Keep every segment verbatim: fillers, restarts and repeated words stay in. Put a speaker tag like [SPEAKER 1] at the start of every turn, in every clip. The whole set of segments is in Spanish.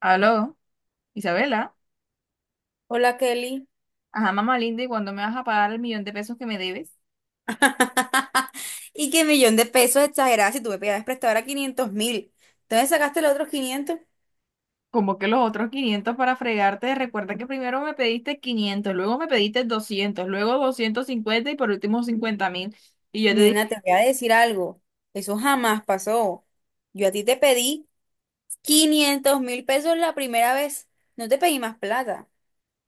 [SPEAKER 1] Aló, Isabela.
[SPEAKER 2] Hola Kelly.
[SPEAKER 1] Ajá, mamá linda, ¿y cuándo me vas a pagar el millón de pesos que me debes?
[SPEAKER 2] Y qué millón de pesos exagerada si tú me pedías prestado ahora quinientos mil. ¿Entonces sacaste los otros quinientos?
[SPEAKER 1] Como que los otros quinientos para fregarte. Recuerda que primero me pediste quinientos, luego me pediste doscientos, luego doscientos cincuenta y por último cincuenta mil. Y yo te dije,
[SPEAKER 2] Nena, te voy a decir algo. Eso jamás pasó. Yo a ti te pedí quinientos mil pesos la primera vez. No te pedí más plata.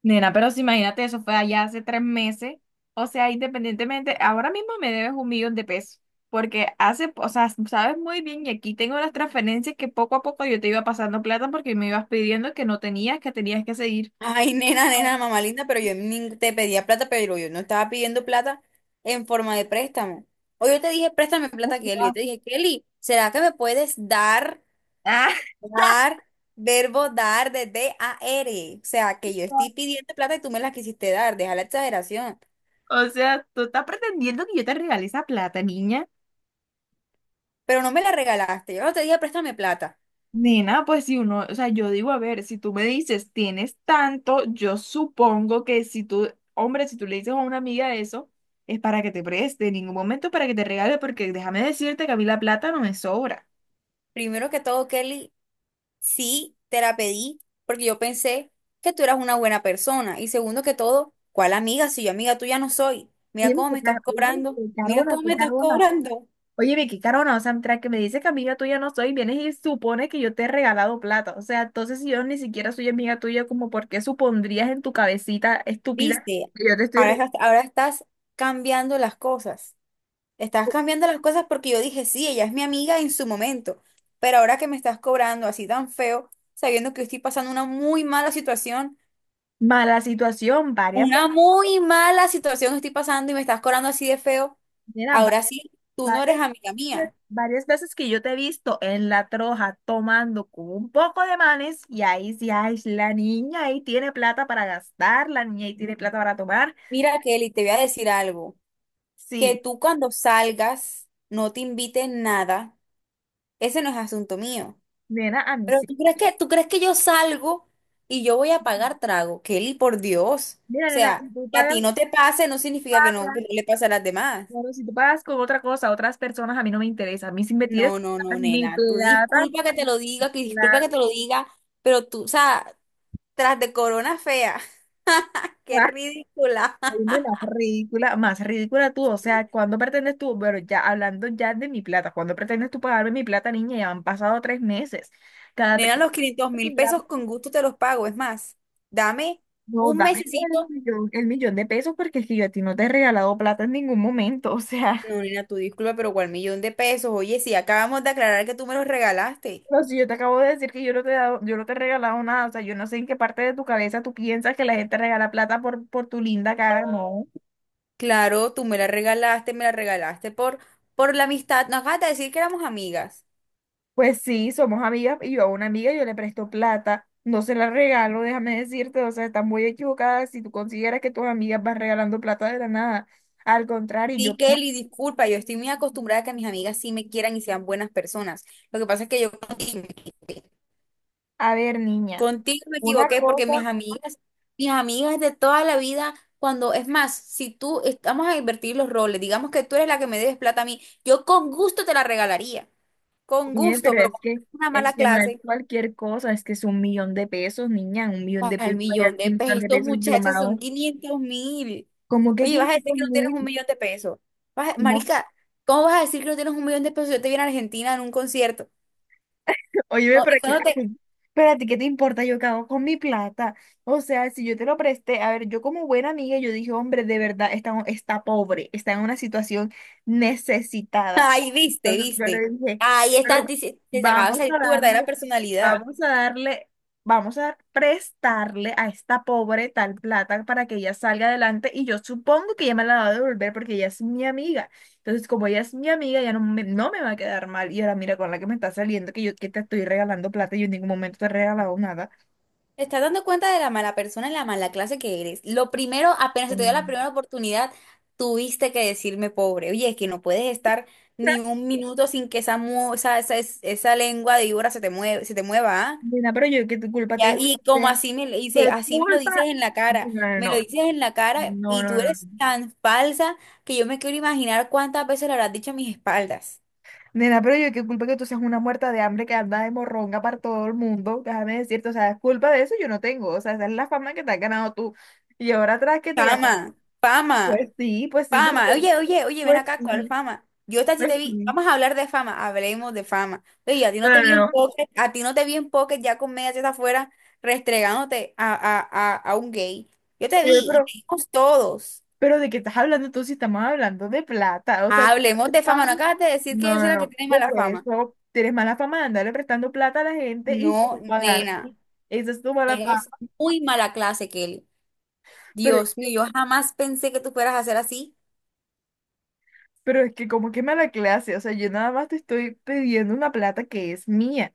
[SPEAKER 1] nena, pero si imagínate, eso fue allá hace tres meses. O sea, independientemente, ahora mismo me debes un millón de pesos. Porque hace, o sea, sabes muy bien, y aquí tengo las transferencias que poco a poco yo te iba pasando plata porque me ibas pidiendo que no tenías, que tenías que seguir.
[SPEAKER 2] Ay, nena, nena, mamá linda, pero yo ni te pedía plata, pero yo no estaba pidiendo plata en forma de préstamo. O yo te dije, préstame
[SPEAKER 1] O
[SPEAKER 2] plata, Kelly. Yo
[SPEAKER 1] sea,
[SPEAKER 2] te dije, Kelly, ¿será que me puedes dar? Dar, verbo dar de D-A-R. O sea, que yo
[SPEAKER 1] Ah.
[SPEAKER 2] estoy pidiendo plata y tú me la quisiste dar. Deja la exageración.
[SPEAKER 1] O sea, tú estás pretendiendo que yo te regale esa plata, niña.
[SPEAKER 2] Pero no me la regalaste. Yo no te dije, préstame plata.
[SPEAKER 1] Nena, pues si uno, o sea, yo digo, a ver, si tú me dices tienes tanto, yo supongo que si tú, hombre, si tú le dices a una amiga eso, es para que te preste, en ningún momento para que te regale, porque déjame decirte que a mí la plata no me sobra.
[SPEAKER 2] Primero que todo, Kelly, sí te la pedí porque yo pensé que tú eras una buena persona. Y segundo que todo, ¿cuál amiga? Si yo amiga tuya no soy. Mira
[SPEAKER 1] Oye,
[SPEAKER 2] cómo
[SPEAKER 1] qué
[SPEAKER 2] me
[SPEAKER 1] car-
[SPEAKER 2] estás
[SPEAKER 1] oye,
[SPEAKER 2] cobrando.
[SPEAKER 1] qué
[SPEAKER 2] Mira
[SPEAKER 1] carona,
[SPEAKER 2] cómo
[SPEAKER 1] qué
[SPEAKER 2] me estás
[SPEAKER 1] carona.
[SPEAKER 2] cobrando.
[SPEAKER 1] Oye, Vicky Carona, o sea, mientras que me dices que amiga tuya no soy, vienes y supones que yo te he regalado plata. O sea, entonces si yo ni siquiera soy amiga tuya, como por qué supondrías en tu cabecita estúpida
[SPEAKER 2] ¿Viste?
[SPEAKER 1] que yo te estoy
[SPEAKER 2] Ahora
[SPEAKER 1] re-
[SPEAKER 2] estás, ahora estás cambiando las cosas. Estás
[SPEAKER 1] Oh,
[SPEAKER 2] cambiando las cosas porque yo dije, sí, ella es mi amiga en su momento, pero ahora que me estás cobrando así tan feo, sabiendo que estoy pasando una muy mala situación,
[SPEAKER 1] mala situación varias
[SPEAKER 2] una
[SPEAKER 1] veces,
[SPEAKER 2] muy mala situación estoy pasando y me estás cobrando así de feo,
[SPEAKER 1] mira, va-
[SPEAKER 2] ahora sí, tú no eres
[SPEAKER 1] varias
[SPEAKER 2] amiga
[SPEAKER 1] veces,
[SPEAKER 2] mía.
[SPEAKER 1] varias veces que yo te he visto en la troja tomando con un poco de manes y ahí sí, ay, la niña ahí tiene plata para gastar, la niña ahí tiene plata para tomar.
[SPEAKER 2] Mira, Kelly, te voy a decir algo, que
[SPEAKER 1] Sí,
[SPEAKER 2] tú cuando salgas no te invites nada, ese no es asunto mío.
[SPEAKER 1] nena, a mí
[SPEAKER 2] Pero
[SPEAKER 1] sí.
[SPEAKER 2] tú crees que, tú crees que yo salgo y yo voy a pagar trago. Kelly, por Dios.
[SPEAKER 1] Mira,
[SPEAKER 2] O
[SPEAKER 1] nena, si
[SPEAKER 2] sea,
[SPEAKER 1] tú
[SPEAKER 2] que a ti
[SPEAKER 1] pagas.
[SPEAKER 2] no te pase no significa que no, que no le pase a las demás.
[SPEAKER 1] Claro, si tú pagas con otra cosa, otras personas, a mí no me interesa. A mí si me tienes que
[SPEAKER 2] No, no,
[SPEAKER 1] dar
[SPEAKER 2] no,
[SPEAKER 1] mi
[SPEAKER 2] nena. Tú
[SPEAKER 1] plata,
[SPEAKER 2] disculpa que te lo diga, que disculpa
[SPEAKER 1] la,
[SPEAKER 2] que te lo diga, pero tú, o sea, tras de corona fea, qué
[SPEAKER 1] ah,
[SPEAKER 2] ridícula.
[SPEAKER 1] soy de la ridícula, más ridícula tú. O sea, ¿cuándo pretendes tú? Bueno, ya hablando ya de mi plata, ¿cuándo pretendes tú pagarme mi plata, niña? Ya han pasado tres meses. Cada te-
[SPEAKER 2] Nena, los quinientos mil pesos con gusto te los pago. Es más, dame
[SPEAKER 1] No,
[SPEAKER 2] un
[SPEAKER 1] dame el
[SPEAKER 2] mesecito.
[SPEAKER 1] millón, el millón de pesos porque es que yo a ti no te he regalado plata en ningún momento. O sea.
[SPEAKER 2] No, nena, tú disculpa, pero ¿cuál millón de pesos? Oye, si acabamos de aclarar que tú me los regalaste.
[SPEAKER 1] No, si yo te acabo de decir que yo no te he dado, yo no te he regalado nada, o sea, yo no sé en qué parte de tu cabeza tú piensas que la gente regala plata por, por tu linda cara, no.
[SPEAKER 2] Claro, tú me la regalaste, me la regalaste por, por la amistad. No acabas de decir que éramos amigas.
[SPEAKER 1] Pues sí, somos amigas y yo a una amiga yo le presto plata, no se la regalo, déjame decirte, o sea, estás muy equivocada si tú consideras que tus amigas van regalando plata de la nada. Al contrario, yo,
[SPEAKER 2] Sí, Kelly, disculpa, yo estoy muy acostumbrada a que mis amigas sí me quieran y sean buenas personas. Lo que pasa es que yo contigo me equivoqué,
[SPEAKER 1] a ver, niña,
[SPEAKER 2] contigo me
[SPEAKER 1] una
[SPEAKER 2] equivoqué porque
[SPEAKER 1] cosa,
[SPEAKER 2] mis amigas, mis amigas de toda la vida, cuando, es más, si tú, es- vamos a invertir los roles, digamos que tú eres la que me debes plata a mí, yo con gusto te la regalaría, con
[SPEAKER 1] bien,
[SPEAKER 2] gusto,
[SPEAKER 1] pero
[SPEAKER 2] pero
[SPEAKER 1] es
[SPEAKER 2] como
[SPEAKER 1] que,
[SPEAKER 2] es una mala
[SPEAKER 1] es que no es
[SPEAKER 2] clase,
[SPEAKER 1] cualquier cosa, es que es un millón de pesos, niña, un millón
[SPEAKER 2] pues,
[SPEAKER 1] de
[SPEAKER 2] al
[SPEAKER 1] pesos, para
[SPEAKER 2] millón
[SPEAKER 1] un
[SPEAKER 2] de
[SPEAKER 1] millón de
[SPEAKER 2] pesos,
[SPEAKER 1] pesos, yo,
[SPEAKER 2] muchachas,
[SPEAKER 1] amado.
[SPEAKER 2] son quinientos mil.
[SPEAKER 1] ¿Como que
[SPEAKER 2] Oye, vas a decir
[SPEAKER 1] quinientos
[SPEAKER 2] que no tienes un
[SPEAKER 1] mil?
[SPEAKER 2] millón de pesos. Vas a-
[SPEAKER 1] ¿Cómo?
[SPEAKER 2] Marica, ¿cómo vas a decir que no tienes un millón de pesos? Si yo te vi en Argentina en un concierto.
[SPEAKER 1] Oye,
[SPEAKER 2] No,
[SPEAKER 1] pero
[SPEAKER 2] y
[SPEAKER 1] que-
[SPEAKER 2] cuando te...
[SPEAKER 1] ay, pero ¿qué te importa yo qué hago con mi plata? O sea, si yo te lo presté, a ver, yo como buena amiga, yo dije, hombre, de verdad, está, está pobre, está en una situación necesitada.
[SPEAKER 2] Ay, viste,
[SPEAKER 1] Entonces yo
[SPEAKER 2] viste.
[SPEAKER 1] le dije,
[SPEAKER 2] Ahí
[SPEAKER 1] pero
[SPEAKER 2] estás, dici- te acaba de
[SPEAKER 1] vamos a
[SPEAKER 2] salir tu verdadera
[SPEAKER 1] darle,
[SPEAKER 2] personalidad.
[SPEAKER 1] vamos a darle, vamos a prestarle a esta pobre tal plata para que ella salga adelante y yo supongo que ella me la va a devolver porque ella es mi amiga. Entonces, como ella es mi amiga, ya no me, no me va a quedar mal. Y ahora mira con la que me está saliendo, que yo que te estoy regalando plata, yo en ningún momento te he regalado nada.
[SPEAKER 2] Te estás dando cuenta de la mala persona y la mala clase que eres. Lo primero, apenas se te dio la
[SPEAKER 1] Mm.
[SPEAKER 2] primera oportunidad, tuviste que decirme pobre. Oye, es que no puedes estar ni un minuto sin que esa, mu- esa, esa, esa lengua de víbora se te mueva, se te mueva, ¿ah?
[SPEAKER 1] Nena, pero yo qué tu culpa tengo.
[SPEAKER 2] Ya,
[SPEAKER 1] ¿Que
[SPEAKER 2] y como
[SPEAKER 1] tener?
[SPEAKER 2] así me lo dice,
[SPEAKER 1] ¿Qué
[SPEAKER 2] así me lo
[SPEAKER 1] culpa?
[SPEAKER 2] dices en la
[SPEAKER 1] No,
[SPEAKER 2] cara,
[SPEAKER 1] no,
[SPEAKER 2] me lo dices en la cara
[SPEAKER 1] no, no,
[SPEAKER 2] y tú
[SPEAKER 1] no,
[SPEAKER 2] eres
[SPEAKER 1] no.
[SPEAKER 2] tan falsa que yo me quiero imaginar cuántas veces lo habrás dicho a mis espaldas.
[SPEAKER 1] Nena, pero yo qué culpa que tú seas una muerta de hambre que anda de morronga para todo el mundo. Déjame decirte, o sea, es culpa de eso yo no tengo. O sea, esa es la fama que te has ganado tú. Y ahora atrás que te ganas.
[SPEAKER 2] Fama, fama,
[SPEAKER 1] Pues sí, pues sí,
[SPEAKER 2] fama.
[SPEAKER 1] porque,
[SPEAKER 2] Oye, oye, oye, ven
[SPEAKER 1] pues
[SPEAKER 2] acá, ¿cuál
[SPEAKER 1] sí,
[SPEAKER 2] fama? Yo esta sí
[SPEAKER 1] pues
[SPEAKER 2] te vi,
[SPEAKER 1] sí.
[SPEAKER 2] vamos a hablar de fama, hablemos de fama. Oye, a ti no
[SPEAKER 1] No,
[SPEAKER 2] te
[SPEAKER 1] no,
[SPEAKER 2] vi en
[SPEAKER 1] no.
[SPEAKER 2] pocket, a ti no te vi en pocket ya con medias afuera restregándote a, a, a, a un gay. Yo te
[SPEAKER 1] Oye,
[SPEAKER 2] vi y
[SPEAKER 1] pero
[SPEAKER 2] te vimos todos.
[SPEAKER 1] Pero de qué estás hablando tú si estamos hablando de plata, o sea,
[SPEAKER 2] Hablemos de
[SPEAKER 1] fama.
[SPEAKER 2] fama, no acabas de decir que
[SPEAKER 1] No,
[SPEAKER 2] yo
[SPEAKER 1] no,
[SPEAKER 2] soy la que
[SPEAKER 1] no,
[SPEAKER 2] tiene
[SPEAKER 1] por
[SPEAKER 2] mala fama.
[SPEAKER 1] eso tienes mala fama de andarle prestando plata a la gente y
[SPEAKER 2] No,
[SPEAKER 1] sin pagar.
[SPEAKER 2] nena,
[SPEAKER 1] Esa es tu mala fama.
[SPEAKER 2] eres muy mala clase, Kelly.
[SPEAKER 1] Pero,
[SPEAKER 2] Dios mío, yo jamás pensé que tú fueras a hacer así.
[SPEAKER 1] pero es que como que mala clase, o sea, yo nada más te estoy pidiendo una plata que es mía.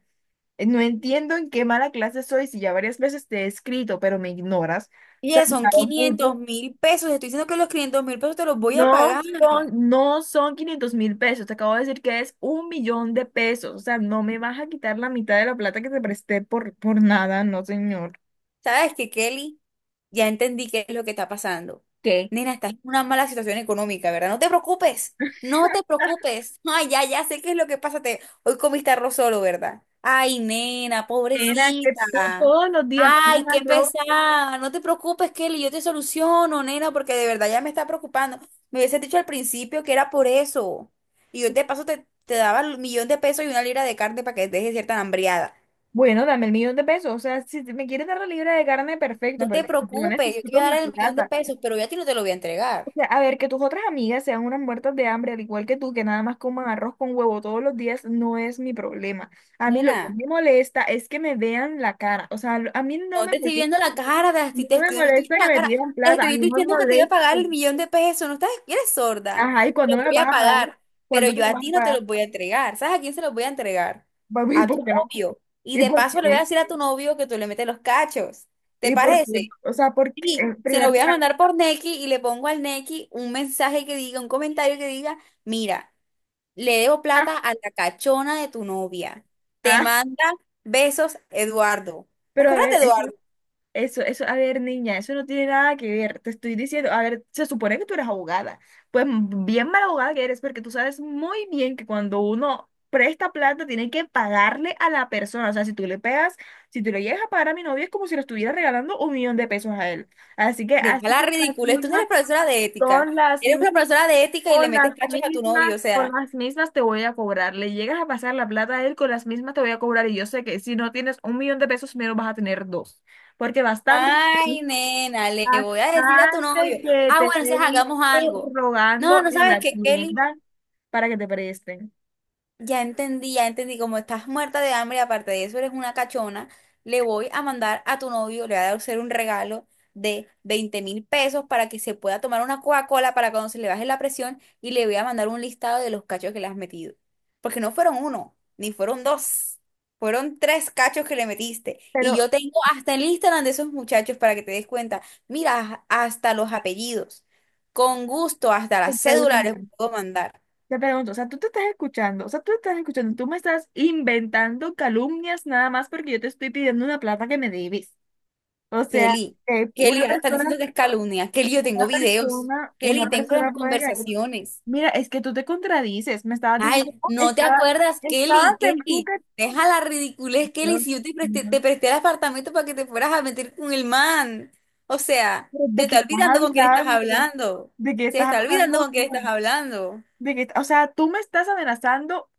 [SPEAKER 1] Eh, No entiendo en qué mala clase soy si ya varias veces te he escrito, pero me ignoras. O sea,
[SPEAKER 2] Oye, son quinientos mil pesos. Estoy diciendo que los quinientos mil pesos te los voy a
[SPEAKER 1] No
[SPEAKER 2] pagar.
[SPEAKER 1] son, no son quinientos mil pesos, te acabo de decir que es un millón de pesos, o sea, no me vas a quitar la mitad de la plata que te presté por, por nada, no señor.
[SPEAKER 2] ¿Sabes qué, Kelly? Ya entendí qué es lo que está pasando.
[SPEAKER 1] ¿Qué?
[SPEAKER 2] Nena, estás en una mala situación económica, ¿verdad? No te preocupes, no te preocupes. Ay, ya, ya sé qué es lo que pasa. Te- Hoy comiste arroz solo, ¿verdad? Ay, nena,
[SPEAKER 1] Era que tú
[SPEAKER 2] pobrecita.
[SPEAKER 1] todos los días con un
[SPEAKER 2] Ay, qué
[SPEAKER 1] arroz,
[SPEAKER 2] pesada. No te preocupes, Kelly, yo te soluciono, nena, porque de verdad ya me está preocupando. Me hubiese dicho al principio que era por eso. Y yo de paso te, te daba el millón de pesos y una libra de carne para que dejes cierta hambriada.
[SPEAKER 1] bueno, dame el millón de pesos, o sea, si te- me quieres dar la libra de carne, perfecto,
[SPEAKER 2] No
[SPEAKER 1] pero
[SPEAKER 2] te
[SPEAKER 1] yo
[SPEAKER 2] preocupes, yo te voy
[SPEAKER 1] necesito
[SPEAKER 2] a dar
[SPEAKER 1] mi
[SPEAKER 2] el millón de
[SPEAKER 1] plata.
[SPEAKER 2] pesos, pero yo a ti no te lo voy a entregar.
[SPEAKER 1] O sea, a ver, que tus otras amigas sean unas muertas de hambre, al igual que tú, que nada más coman arroz con huevo todos los días, no es mi problema. A mí lo
[SPEAKER 2] Nena,
[SPEAKER 1] que me molesta es que me vean la cara, o sea, lo- a mí no
[SPEAKER 2] no
[SPEAKER 1] me
[SPEAKER 2] te estoy
[SPEAKER 1] molesta.
[SPEAKER 2] viendo la cara, te estoy, te
[SPEAKER 1] No me
[SPEAKER 2] estoy, no estoy
[SPEAKER 1] molesta
[SPEAKER 2] viendo
[SPEAKER 1] que
[SPEAKER 2] la
[SPEAKER 1] me
[SPEAKER 2] cara.
[SPEAKER 1] pidan
[SPEAKER 2] Te
[SPEAKER 1] plata, a
[SPEAKER 2] estoy
[SPEAKER 1] mí no me
[SPEAKER 2] diciendo que te iba a
[SPEAKER 1] molesta.
[SPEAKER 2] pagar el millón de pesos. No estás, eres sorda.
[SPEAKER 1] Ajá, ¿y
[SPEAKER 2] Te
[SPEAKER 1] cuándo me
[SPEAKER 2] lo
[SPEAKER 1] lo
[SPEAKER 2] voy
[SPEAKER 1] vas
[SPEAKER 2] a
[SPEAKER 1] a pagar?
[SPEAKER 2] pagar, pero
[SPEAKER 1] ¿Cuándo me
[SPEAKER 2] yo
[SPEAKER 1] lo
[SPEAKER 2] a
[SPEAKER 1] vas a
[SPEAKER 2] ti no te
[SPEAKER 1] pagar?
[SPEAKER 2] lo voy a entregar. ¿Sabes a quién se los voy a entregar?
[SPEAKER 1] Papi, ¿y
[SPEAKER 2] A tu
[SPEAKER 1] por qué no?
[SPEAKER 2] novio. Y
[SPEAKER 1] ¿Y
[SPEAKER 2] de
[SPEAKER 1] por
[SPEAKER 2] paso le voy a
[SPEAKER 1] qué?
[SPEAKER 2] decir a tu novio que tú le metes los cachos. ¿Te
[SPEAKER 1] ¿Y por qué?
[SPEAKER 2] parece?
[SPEAKER 1] O sea, porque
[SPEAKER 2] Sí,
[SPEAKER 1] en
[SPEAKER 2] se lo
[SPEAKER 1] primer
[SPEAKER 2] voy a
[SPEAKER 1] lugar,
[SPEAKER 2] mandar por Nequi y le pongo al Nequi un mensaje que diga, un comentario que diga, mira. Le debo
[SPEAKER 1] ah,
[SPEAKER 2] plata a la cachona de tu novia. Te
[SPEAKER 1] ah,
[SPEAKER 2] manda besos, Eduardo. ¿Te
[SPEAKER 1] pero a
[SPEAKER 2] acuerdas de
[SPEAKER 1] ver, es
[SPEAKER 2] Eduardo?
[SPEAKER 1] eso, eso, a ver, niña, eso no tiene nada que ver. Te estoy diciendo, a ver, se supone que tú eres abogada. Pues mm, bien mala abogada que eres, porque tú sabes muy bien que cuando uno presta plata, tiene que pagarle a la persona. O sea, si tú le pegas, si tú le llegas a pagar a mi novio, es como si le estuviera regalando un millón de pesos a él. Así que
[SPEAKER 2] Deja
[SPEAKER 1] así
[SPEAKER 2] la
[SPEAKER 1] como las
[SPEAKER 2] ridiculez. Tú no
[SPEAKER 1] mismas
[SPEAKER 2] eres profesora de ética.
[SPEAKER 1] son las
[SPEAKER 2] Eres una
[SPEAKER 1] mismas.
[SPEAKER 2] profesora de ética y le
[SPEAKER 1] Con
[SPEAKER 2] metes
[SPEAKER 1] las
[SPEAKER 2] cachos a tu
[SPEAKER 1] mismas,
[SPEAKER 2] novio. O
[SPEAKER 1] con
[SPEAKER 2] sea,
[SPEAKER 1] las mismas te voy a cobrar. Le llegas a pasar la plata a él, con las mismas te voy a cobrar. Y yo sé que si no tienes un millón de pesos, menos vas a tener dos. Porque bastante,
[SPEAKER 2] ay, nena, le voy a decir a tu novio.
[SPEAKER 1] bastante que
[SPEAKER 2] Ah, bueno,
[SPEAKER 1] te
[SPEAKER 2] entonces
[SPEAKER 1] he
[SPEAKER 2] hagamos
[SPEAKER 1] visto
[SPEAKER 2] algo. No,
[SPEAKER 1] rogando
[SPEAKER 2] no
[SPEAKER 1] en
[SPEAKER 2] sabes
[SPEAKER 1] la
[SPEAKER 2] que Kelly
[SPEAKER 1] tienda para que te presten.
[SPEAKER 2] ya entendí, ya entendí, como estás muerta de hambre, aparte de eso eres una cachona, le voy a mandar a tu novio, le voy a hacer un regalo de veinte mil pesos para que se pueda tomar una Coca-Cola para cuando se le baje la presión y le voy a mandar un listado de los cachos que le has metido. Porque no fueron uno, ni fueron dos, fueron tres cachos que le metiste.
[SPEAKER 1] Pero
[SPEAKER 2] Y yo tengo hasta el Instagram de esos muchachos para que te des cuenta. Mira, hasta los apellidos. Con gusto, hasta
[SPEAKER 1] te
[SPEAKER 2] las cédulas les
[SPEAKER 1] pregunto,
[SPEAKER 2] puedo mandar.
[SPEAKER 1] te pregunto, o sea, tú te estás escuchando, o sea, tú te estás escuchando, tú me estás inventando calumnias nada más porque yo te estoy pidiendo una plata que me debes. O sea,
[SPEAKER 2] Kelly,
[SPEAKER 1] que
[SPEAKER 2] Kelly,
[SPEAKER 1] una
[SPEAKER 2] ahora están
[SPEAKER 1] persona
[SPEAKER 2] diciendo que es calumnia. Kelly, yo
[SPEAKER 1] Una
[SPEAKER 2] tengo videos.
[SPEAKER 1] persona,
[SPEAKER 2] Kelly,
[SPEAKER 1] una
[SPEAKER 2] tengo
[SPEAKER 1] persona
[SPEAKER 2] las
[SPEAKER 1] puede caer.
[SPEAKER 2] conversaciones.
[SPEAKER 1] Mira, es que tú te contradices. Me estabas diciendo,
[SPEAKER 2] Ay,
[SPEAKER 1] "Oh,
[SPEAKER 2] ¿no te
[SPEAKER 1] estaba,
[SPEAKER 2] acuerdas,
[SPEAKER 1] estabas
[SPEAKER 2] Kelly?
[SPEAKER 1] en tu
[SPEAKER 2] Kelly, deja la ridiculez, Kelly,
[SPEAKER 1] canción".
[SPEAKER 2] si yo te presté,
[SPEAKER 1] No.
[SPEAKER 2] te presté el apartamento para que te fueras a meter con el man. O sea,
[SPEAKER 1] Pero,
[SPEAKER 2] se
[SPEAKER 1] ¿de qué
[SPEAKER 2] está
[SPEAKER 1] estás
[SPEAKER 2] olvidando con quién estás
[SPEAKER 1] hablando?
[SPEAKER 2] hablando.
[SPEAKER 1] ¿De qué
[SPEAKER 2] Se
[SPEAKER 1] estás
[SPEAKER 2] está olvidando
[SPEAKER 1] hablando
[SPEAKER 2] con quién estás
[SPEAKER 1] tú?
[SPEAKER 2] hablando.
[SPEAKER 1] ¿De qué, o sea, tú me estás amenazando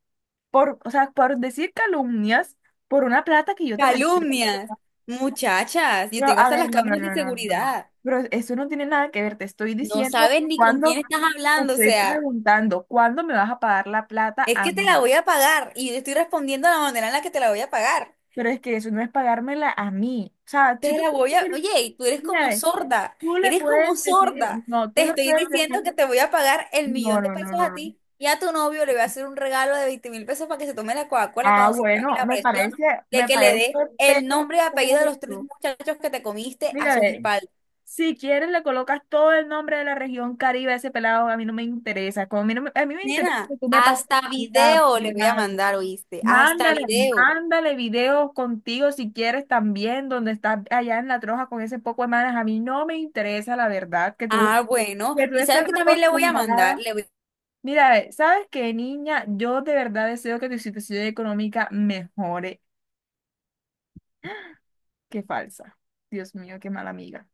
[SPEAKER 1] por, o sea, por decir calumnias por una plata que yo te presté.
[SPEAKER 2] Calumnias. Muchachas, yo
[SPEAKER 1] Pero,
[SPEAKER 2] tengo
[SPEAKER 1] a
[SPEAKER 2] hasta las
[SPEAKER 1] ver, no, no,
[SPEAKER 2] cámaras de
[SPEAKER 1] no, no, no, no.
[SPEAKER 2] seguridad.
[SPEAKER 1] Pero eso no tiene nada que ver. Te estoy
[SPEAKER 2] No
[SPEAKER 1] diciendo
[SPEAKER 2] sabes ni con
[SPEAKER 1] cuando
[SPEAKER 2] quién estás
[SPEAKER 1] te
[SPEAKER 2] hablando, o
[SPEAKER 1] estoy
[SPEAKER 2] sea.
[SPEAKER 1] preguntando, ¿cuándo me vas a pagar la plata
[SPEAKER 2] Es
[SPEAKER 1] a
[SPEAKER 2] que te la
[SPEAKER 1] mí?
[SPEAKER 2] voy a pagar y yo estoy respondiendo de la manera en la que te la voy a pagar.
[SPEAKER 1] Pero es que eso no es pagármela a mí. O sea, si
[SPEAKER 2] Te
[SPEAKER 1] tú
[SPEAKER 2] la
[SPEAKER 1] quieres
[SPEAKER 2] voy a...
[SPEAKER 1] decir,
[SPEAKER 2] Oye, y tú eres
[SPEAKER 1] mira,
[SPEAKER 2] como
[SPEAKER 1] ve,
[SPEAKER 2] sorda,
[SPEAKER 1] tú le
[SPEAKER 2] eres como
[SPEAKER 1] puedes decir,
[SPEAKER 2] sorda.
[SPEAKER 1] no,
[SPEAKER 2] Te
[SPEAKER 1] tú le
[SPEAKER 2] estoy
[SPEAKER 1] puedes
[SPEAKER 2] diciendo que
[SPEAKER 1] decir,
[SPEAKER 2] te voy a pagar el millón
[SPEAKER 1] no,
[SPEAKER 2] de
[SPEAKER 1] no, no,
[SPEAKER 2] pesos a
[SPEAKER 1] no, no.
[SPEAKER 2] ti y a tu novio le voy a hacer un regalo de veinte mil pesos para que se tome la Coca-Cola
[SPEAKER 1] Ah,
[SPEAKER 2] cuando se pague
[SPEAKER 1] bueno,
[SPEAKER 2] la
[SPEAKER 1] me parece,
[SPEAKER 2] presión de
[SPEAKER 1] me
[SPEAKER 2] que le
[SPEAKER 1] parece
[SPEAKER 2] dé el nombre y apellido de los tres
[SPEAKER 1] perfecto.
[SPEAKER 2] muchachos que te comiste a
[SPEAKER 1] Mira,
[SPEAKER 2] sus
[SPEAKER 1] ve,
[SPEAKER 2] espaldas.
[SPEAKER 1] si quieres le colocas todo el nombre de la región Caribe a ese pelado, a mí no me interesa. Como a mí, no me- a mí me interesa
[SPEAKER 2] Nena,
[SPEAKER 1] que tú me pagues
[SPEAKER 2] hasta
[SPEAKER 1] la
[SPEAKER 2] video le voy a
[SPEAKER 1] plata.
[SPEAKER 2] mandar, ¿oíste? Hasta
[SPEAKER 1] Mándale,
[SPEAKER 2] video.
[SPEAKER 1] mándale videos contigo si quieres también, donde estás allá en la troja con ese poco de manas. A mí no me interesa, la verdad, que tú,
[SPEAKER 2] Ah, bueno.
[SPEAKER 1] que tú
[SPEAKER 2] ¿Y
[SPEAKER 1] estés
[SPEAKER 2] sabes qué también le voy a mandar?
[SPEAKER 1] acostumbrada.
[SPEAKER 2] Le voy
[SPEAKER 1] Mira, ve, ¿sabes qué, niña? Yo de verdad deseo que tu situación económica mejore. Qué falsa. Dios mío, qué mala amiga.